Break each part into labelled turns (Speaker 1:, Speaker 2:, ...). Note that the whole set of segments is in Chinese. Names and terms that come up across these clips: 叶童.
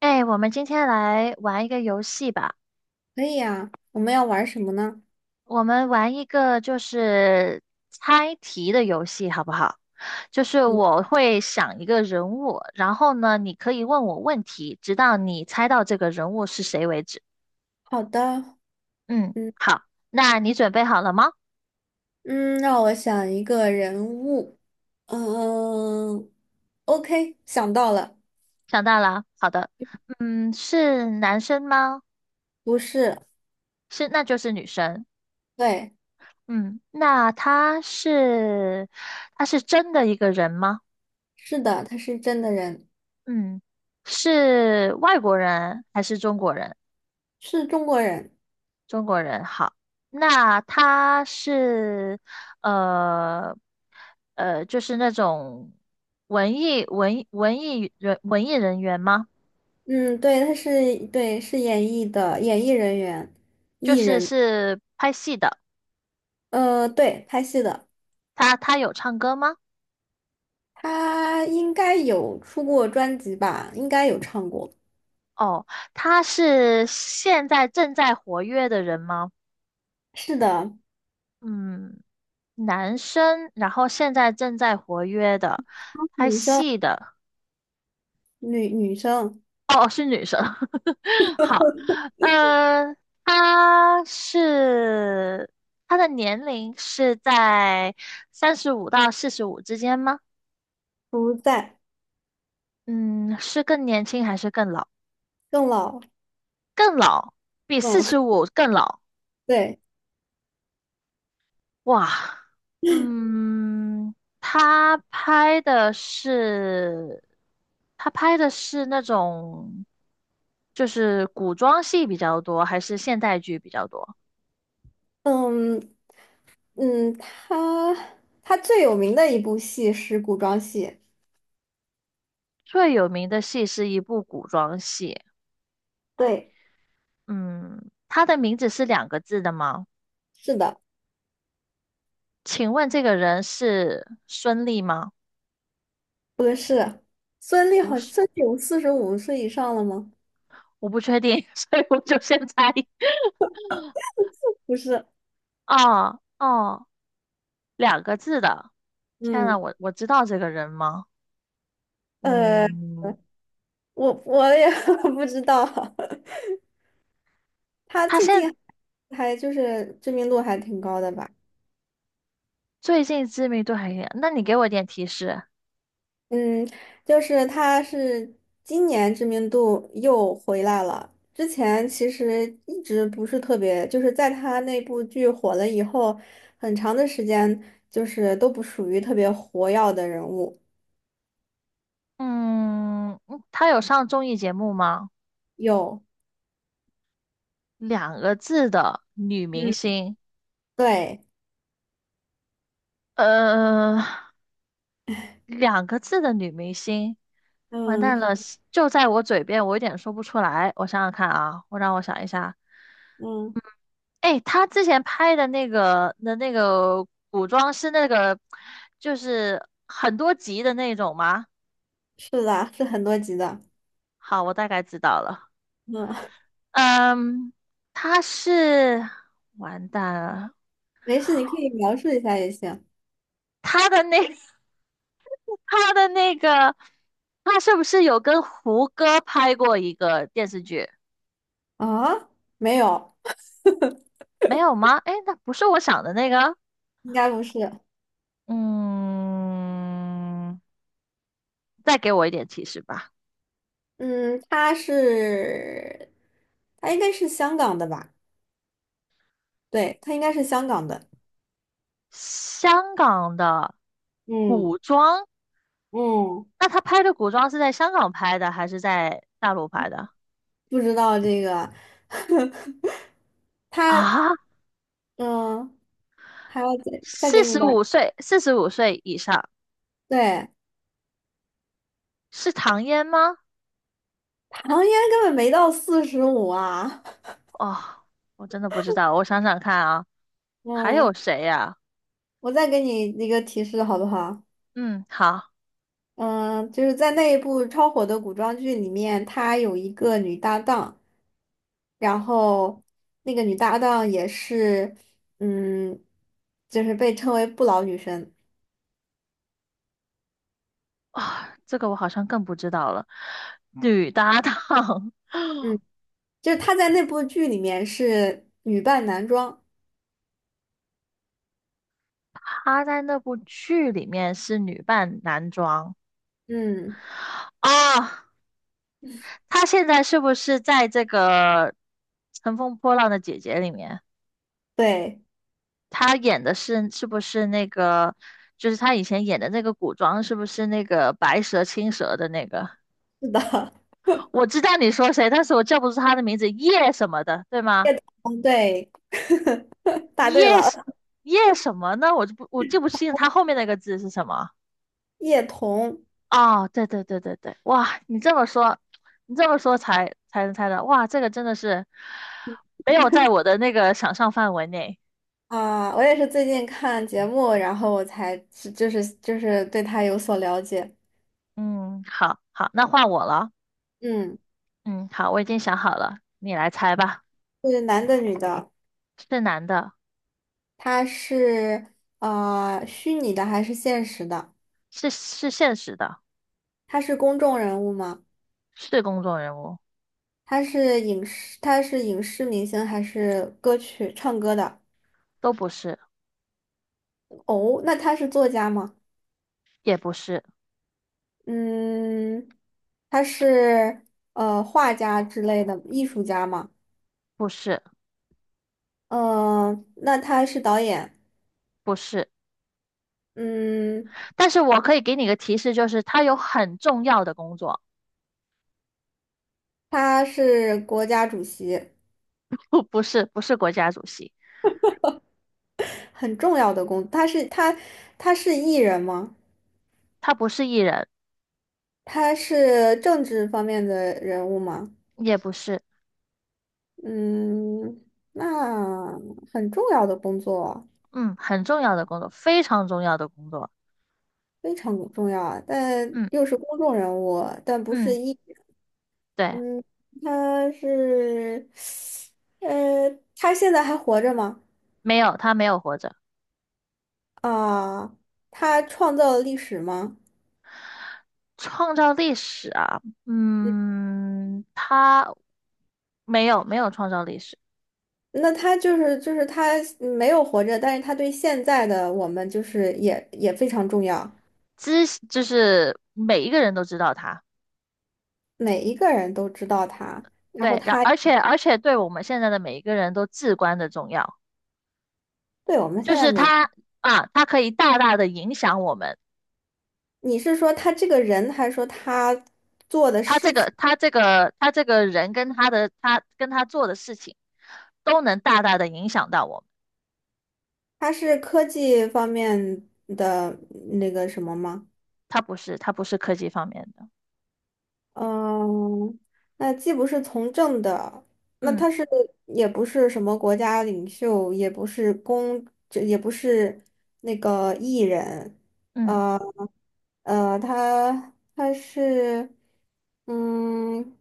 Speaker 1: 哎，我们今天来玩一个游戏吧。
Speaker 2: 可以呀，我们要玩什么呢？
Speaker 1: 我们玩一个猜题的游戏，好不好？就是
Speaker 2: 嗯，
Speaker 1: 我会想一个人物，然后呢，你可以问我问题，直到你猜到这个人物是谁为止。
Speaker 2: 好的，
Speaker 1: 嗯，
Speaker 2: 嗯
Speaker 1: 好，那你准备好了吗？
Speaker 2: 嗯，让我想一个人物。嗯，OK，想到了。
Speaker 1: 想到了，好的。嗯，是男生吗？
Speaker 2: 不是。
Speaker 1: 是，那就是女生。
Speaker 2: 对，
Speaker 1: 嗯，那他是真的一个人吗？
Speaker 2: 是的，他是真的人，
Speaker 1: 嗯，是外国人还是中国人？
Speaker 2: 是中国人。
Speaker 1: 中国人好，那他是呃就是那种文艺人员吗？
Speaker 2: 嗯，对，对，是演艺人员，
Speaker 1: 就
Speaker 2: 艺
Speaker 1: 是
Speaker 2: 人。
Speaker 1: 是拍戏的，
Speaker 2: 对，拍戏的。
Speaker 1: 他有唱歌吗？
Speaker 2: 他应该有出过专辑吧？应该有唱过。
Speaker 1: 哦，他是现在正在活跃的人吗？
Speaker 2: 是的。
Speaker 1: 嗯，男生，然后现在正在活跃的，拍
Speaker 2: 女生，
Speaker 1: 戏的。
Speaker 2: 女生。
Speaker 1: 哦，哦是女生。好，呃，她是她的年龄是在三十五到四十五之间吗？
Speaker 2: 不在。
Speaker 1: 嗯，是更年轻还是更老？
Speaker 2: 更老。
Speaker 1: 更老，比四
Speaker 2: 嗯。
Speaker 1: 十五更老。
Speaker 2: 对，
Speaker 1: 哇，嗯，她拍的是那种就是古装戏比较多，还是现代剧比较多？
Speaker 2: 嗯嗯，他最有名的一部戏是古装戏。
Speaker 1: 最有名的戏是一部古装戏，
Speaker 2: 对，
Speaker 1: 嗯，他的名字是两个字的吗？
Speaker 2: 是的。
Speaker 1: 请问这个人是孙俪吗？
Speaker 2: 不是孙俪
Speaker 1: 不
Speaker 2: 好，
Speaker 1: 是，
Speaker 2: 孙俪有45岁以上了吗？
Speaker 1: 我不确定，所以我就先猜。
Speaker 2: 不是。
Speaker 1: 哦哦，两个字的，天呐，
Speaker 2: 嗯，
Speaker 1: 我知道这个人吗？
Speaker 2: 呃，
Speaker 1: 嗯，
Speaker 2: 我也 不知道。他
Speaker 1: 他
Speaker 2: 最
Speaker 1: 现
Speaker 2: 近还就是知名度还挺高的吧？
Speaker 1: 最近知名度还行，那你给我点提示。
Speaker 2: 嗯，就是他是今年知名度又回来了。之前其实一直不是特别，就是在他那部剧火了以后，很长的时间就是都不属于特别活跃的人物。
Speaker 1: 嗯，嗯他有上综艺节目吗？
Speaker 2: 有。
Speaker 1: 两个字的女明
Speaker 2: 嗯，
Speaker 1: 星，
Speaker 2: 对，
Speaker 1: 呃。两个字的女明星，完蛋
Speaker 2: 嗯
Speaker 1: 了，就在我嘴边，我有点说不出来。我想想看啊，让我想一下。
Speaker 2: 嗯。
Speaker 1: 哎，她之前拍的那个古装是那个，就是很多集的那种吗？
Speaker 2: 是的，是很多集的。
Speaker 1: 好，我大概知道了。
Speaker 2: 嗯，
Speaker 1: 嗯，她是完蛋了，
Speaker 2: 没事，你可以描述一下也行。
Speaker 1: 她的那 她的那个，她是不是有跟胡歌拍过一个电视剧？
Speaker 2: 啊，没有，
Speaker 1: 没有吗？哎，那不是我想的那个。
Speaker 2: 应该不是。
Speaker 1: 嗯，再给我一点提示吧。
Speaker 2: 嗯，他应该是香港的吧？对，他应该是香港的。
Speaker 1: 香港的
Speaker 2: 嗯
Speaker 1: 古装，
Speaker 2: 嗯，
Speaker 1: 那他拍的古装是在香港拍的还是在大陆拍的？
Speaker 2: 不知道这个。他
Speaker 1: 啊，
Speaker 2: 嗯，还要再
Speaker 1: 四
Speaker 2: 给你
Speaker 1: 十
Speaker 2: 点儿
Speaker 1: 五岁，四十五岁以上
Speaker 2: 对。
Speaker 1: 是唐嫣吗？
Speaker 2: 唐嫣根本没到四十五啊。
Speaker 1: 哦，我真的不知道，我想想看啊，还
Speaker 2: 嗯，
Speaker 1: 有谁呀、
Speaker 2: 我再给你一个提示好不好？
Speaker 1: 嗯，好
Speaker 2: 嗯，就是在那一部超火的古装剧里面，她有一个女搭档，然后那个女搭档也是，嗯，就是被称为不老女神。
Speaker 1: 啊，这个我好像更不知道了。女搭档，
Speaker 2: 嗯。就是他在那部剧里面是女扮男装。
Speaker 1: 她在那部剧里面是女扮男装
Speaker 2: 嗯，
Speaker 1: 啊，她现在是不是在这个《乘风破浪的姐姐》里面？
Speaker 2: 对，
Speaker 1: 她演的是是不是那个？就是她以前演的那个古装，是不是那个白蛇青蛇的那个？
Speaker 2: 是的。
Speaker 1: 我知道你说谁，但是我叫不出她的名字，叶什么的，对吗？
Speaker 2: 嗯，对，答对
Speaker 1: 叶
Speaker 2: 了。
Speaker 1: 什叶什么呢？我记不清她后面那个字是什么。
Speaker 2: 叶童。
Speaker 1: 哦，对对对对对，哇，你这么说，你这么说才能猜到，哇，这个真的是没有在我的那个想象范围内。
Speaker 2: 啊，我也是最近看节目，然后我才是就是对他有所了解。
Speaker 1: 嗯，好好，那换我了。
Speaker 2: 嗯，
Speaker 1: 嗯，好，我已经想好了，你来猜吧。
Speaker 2: 是男的女的？
Speaker 1: 是男的，
Speaker 2: 他是虚拟的还是现实的？
Speaker 1: 是现实的，
Speaker 2: 他是公众人物吗？
Speaker 1: 是公众人物，
Speaker 2: 他是影视明星还是歌曲唱歌的？
Speaker 1: 都不是，
Speaker 2: 哦，那他是作家吗？
Speaker 1: 也不是，
Speaker 2: 嗯，他是画家之类的艺术家嘛？
Speaker 1: 不是，
Speaker 2: 嗯、那他是导演？
Speaker 1: 不是。
Speaker 2: 嗯，
Speaker 1: 但是我可以给你个提示，就是他有很重要的工作，
Speaker 2: 他是国家主席？
Speaker 1: 不是不是国家主席，
Speaker 2: 很重要的工他是他他是艺人吗？
Speaker 1: 他不是艺人，
Speaker 2: 他是政治方面的人物吗？
Speaker 1: 也不是。
Speaker 2: 嗯，那很重要的工作，
Speaker 1: 嗯，很重要的工作，非常重要的工作。
Speaker 2: 非常重要啊，但
Speaker 1: 嗯
Speaker 2: 又是公众人物，但不是
Speaker 1: 嗯，
Speaker 2: 艺。
Speaker 1: 对，
Speaker 2: 他是，呃，他现在还活着吗？
Speaker 1: 没有，他没有活着，
Speaker 2: 啊，他创造了历史吗？
Speaker 1: 创造历史啊，
Speaker 2: 嗯，
Speaker 1: 嗯，他没有创造历史，
Speaker 2: 那他就是就是他没有活着，但是他对现在的我们就是也非常重要。
Speaker 1: 就是每一个人都知道他，
Speaker 2: 每一个人都知道他。然后
Speaker 1: 对，
Speaker 2: 他
Speaker 1: 而且对我们现在的每一个人都至关的重要，
Speaker 2: 对我们现
Speaker 1: 就
Speaker 2: 在
Speaker 1: 是
Speaker 2: 每，
Speaker 1: 他啊，他可以大大的影响我们，
Speaker 2: 你是说他这个人，还是说他做的事情？
Speaker 1: 他这个人跟他做的事情，都能大大的影响到我们。
Speaker 2: 他是科技方面的那个什么吗？
Speaker 1: 它不是，它不是科技方面的。
Speaker 2: 嗯，那既不是从政的。那
Speaker 1: 嗯
Speaker 2: 他是也不是什么国家领袖，也不是公，这也不是那个艺人。
Speaker 1: 嗯，
Speaker 2: 呃呃，他他是，嗯，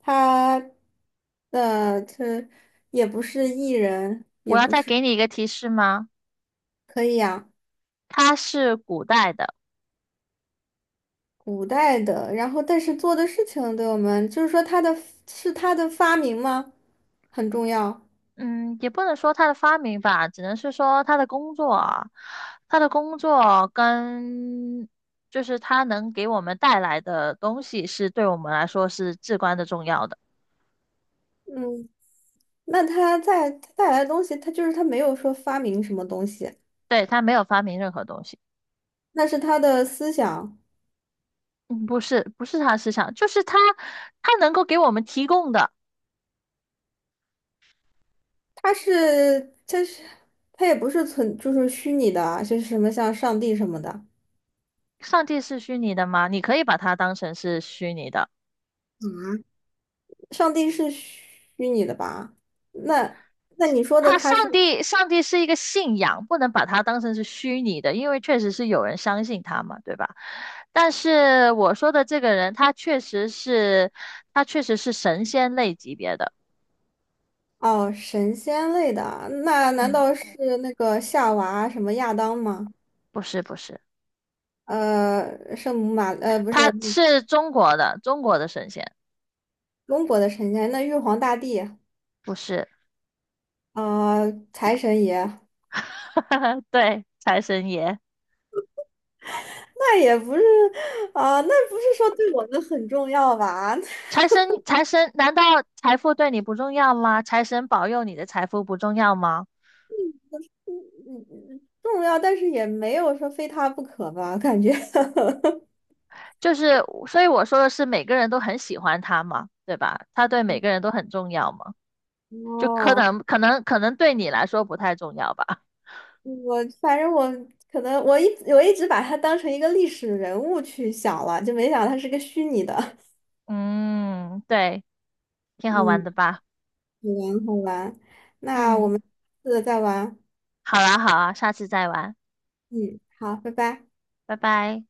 Speaker 2: 他呃这也不是艺人。
Speaker 1: 我要再给你一个提示吗？
Speaker 2: 可以呀。
Speaker 1: 它是古代的，
Speaker 2: 古代的，然后但是做的事情对我们，就是说他的是他的发明吗？很重要。
Speaker 1: 嗯，也不能说它的发明吧，只能是说它的工作啊，它的工作跟就是它能给我们带来的东西，是对我们来说是至关的重要的。
Speaker 2: 嗯，那他在带来的东西，他就是他没有说发明什么东西。
Speaker 1: 对，它没有发明任何东西，
Speaker 2: 那是他的思想？
Speaker 1: 嗯，不是，不是它思想，就是它，它能够给我们提供的。
Speaker 2: 他是他也不是就是虚拟的啊就是什么像上帝什么的。
Speaker 1: 上帝是虚拟的吗？你可以把它当成是虚拟的。
Speaker 2: 上帝是虚拟的吧？那那你说的
Speaker 1: 他
Speaker 2: 他是？
Speaker 1: 上帝，上帝是一个信仰，不能把它当成是虚拟的，因为确实是有人相信他嘛，对吧？但是我说的这个人，他确实是神仙类级别的，
Speaker 2: 哦，神仙类的啊，那难
Speaker 1: 嗯，
Speaker 2: 道是那个夏娃什么亚当吗？
Speaker 1: 不是，
Speaker 2: 圣母不
Speaker 1: 他
Speaker 2: 是
Speaker 1: 是中国的，中国的神仙，
Speaker 2: 中国的神仙。那玉皇大帝？
Speaker 1: 不是，
Speaker 2: 啊，财神爷。
Speaker 1: 对，财神爷，
Speaker 2: 那也不是啊。那不是说对我们很重要吧？
Speaker 1: 财神，难道财富对你不重要吗？财神保佑你的财富不重要吗？
Speaker 2: 嗯嗯重要，但是也没有说非他不可吧，感觉。
Speaker 1: 就是，所以我说的是每个人都很喜欢他嘛，对吧？他对每个人都很重要嘛，就
Speaker 2: 哦，
Speaker 1: 可能对你来说不太重要吧。
Speaker 2: 我反正我可能我一直把他当成一个历史人物去想了，就没想到它是个虚拟的。
Speaker 1: 嗯，对，挺好
Speaker 2: 嗯，
Speaker 1: 玩的吧？
Speaker 2: 好玩好玩，那我
Speaker 1: 嗯，
Speaker 2: 们下个再玩。
Speaker 1: 好啦好啊，下次再玩，
Speaker 2: 嗯，好，拜拜。
Speaker 1: 拜拜。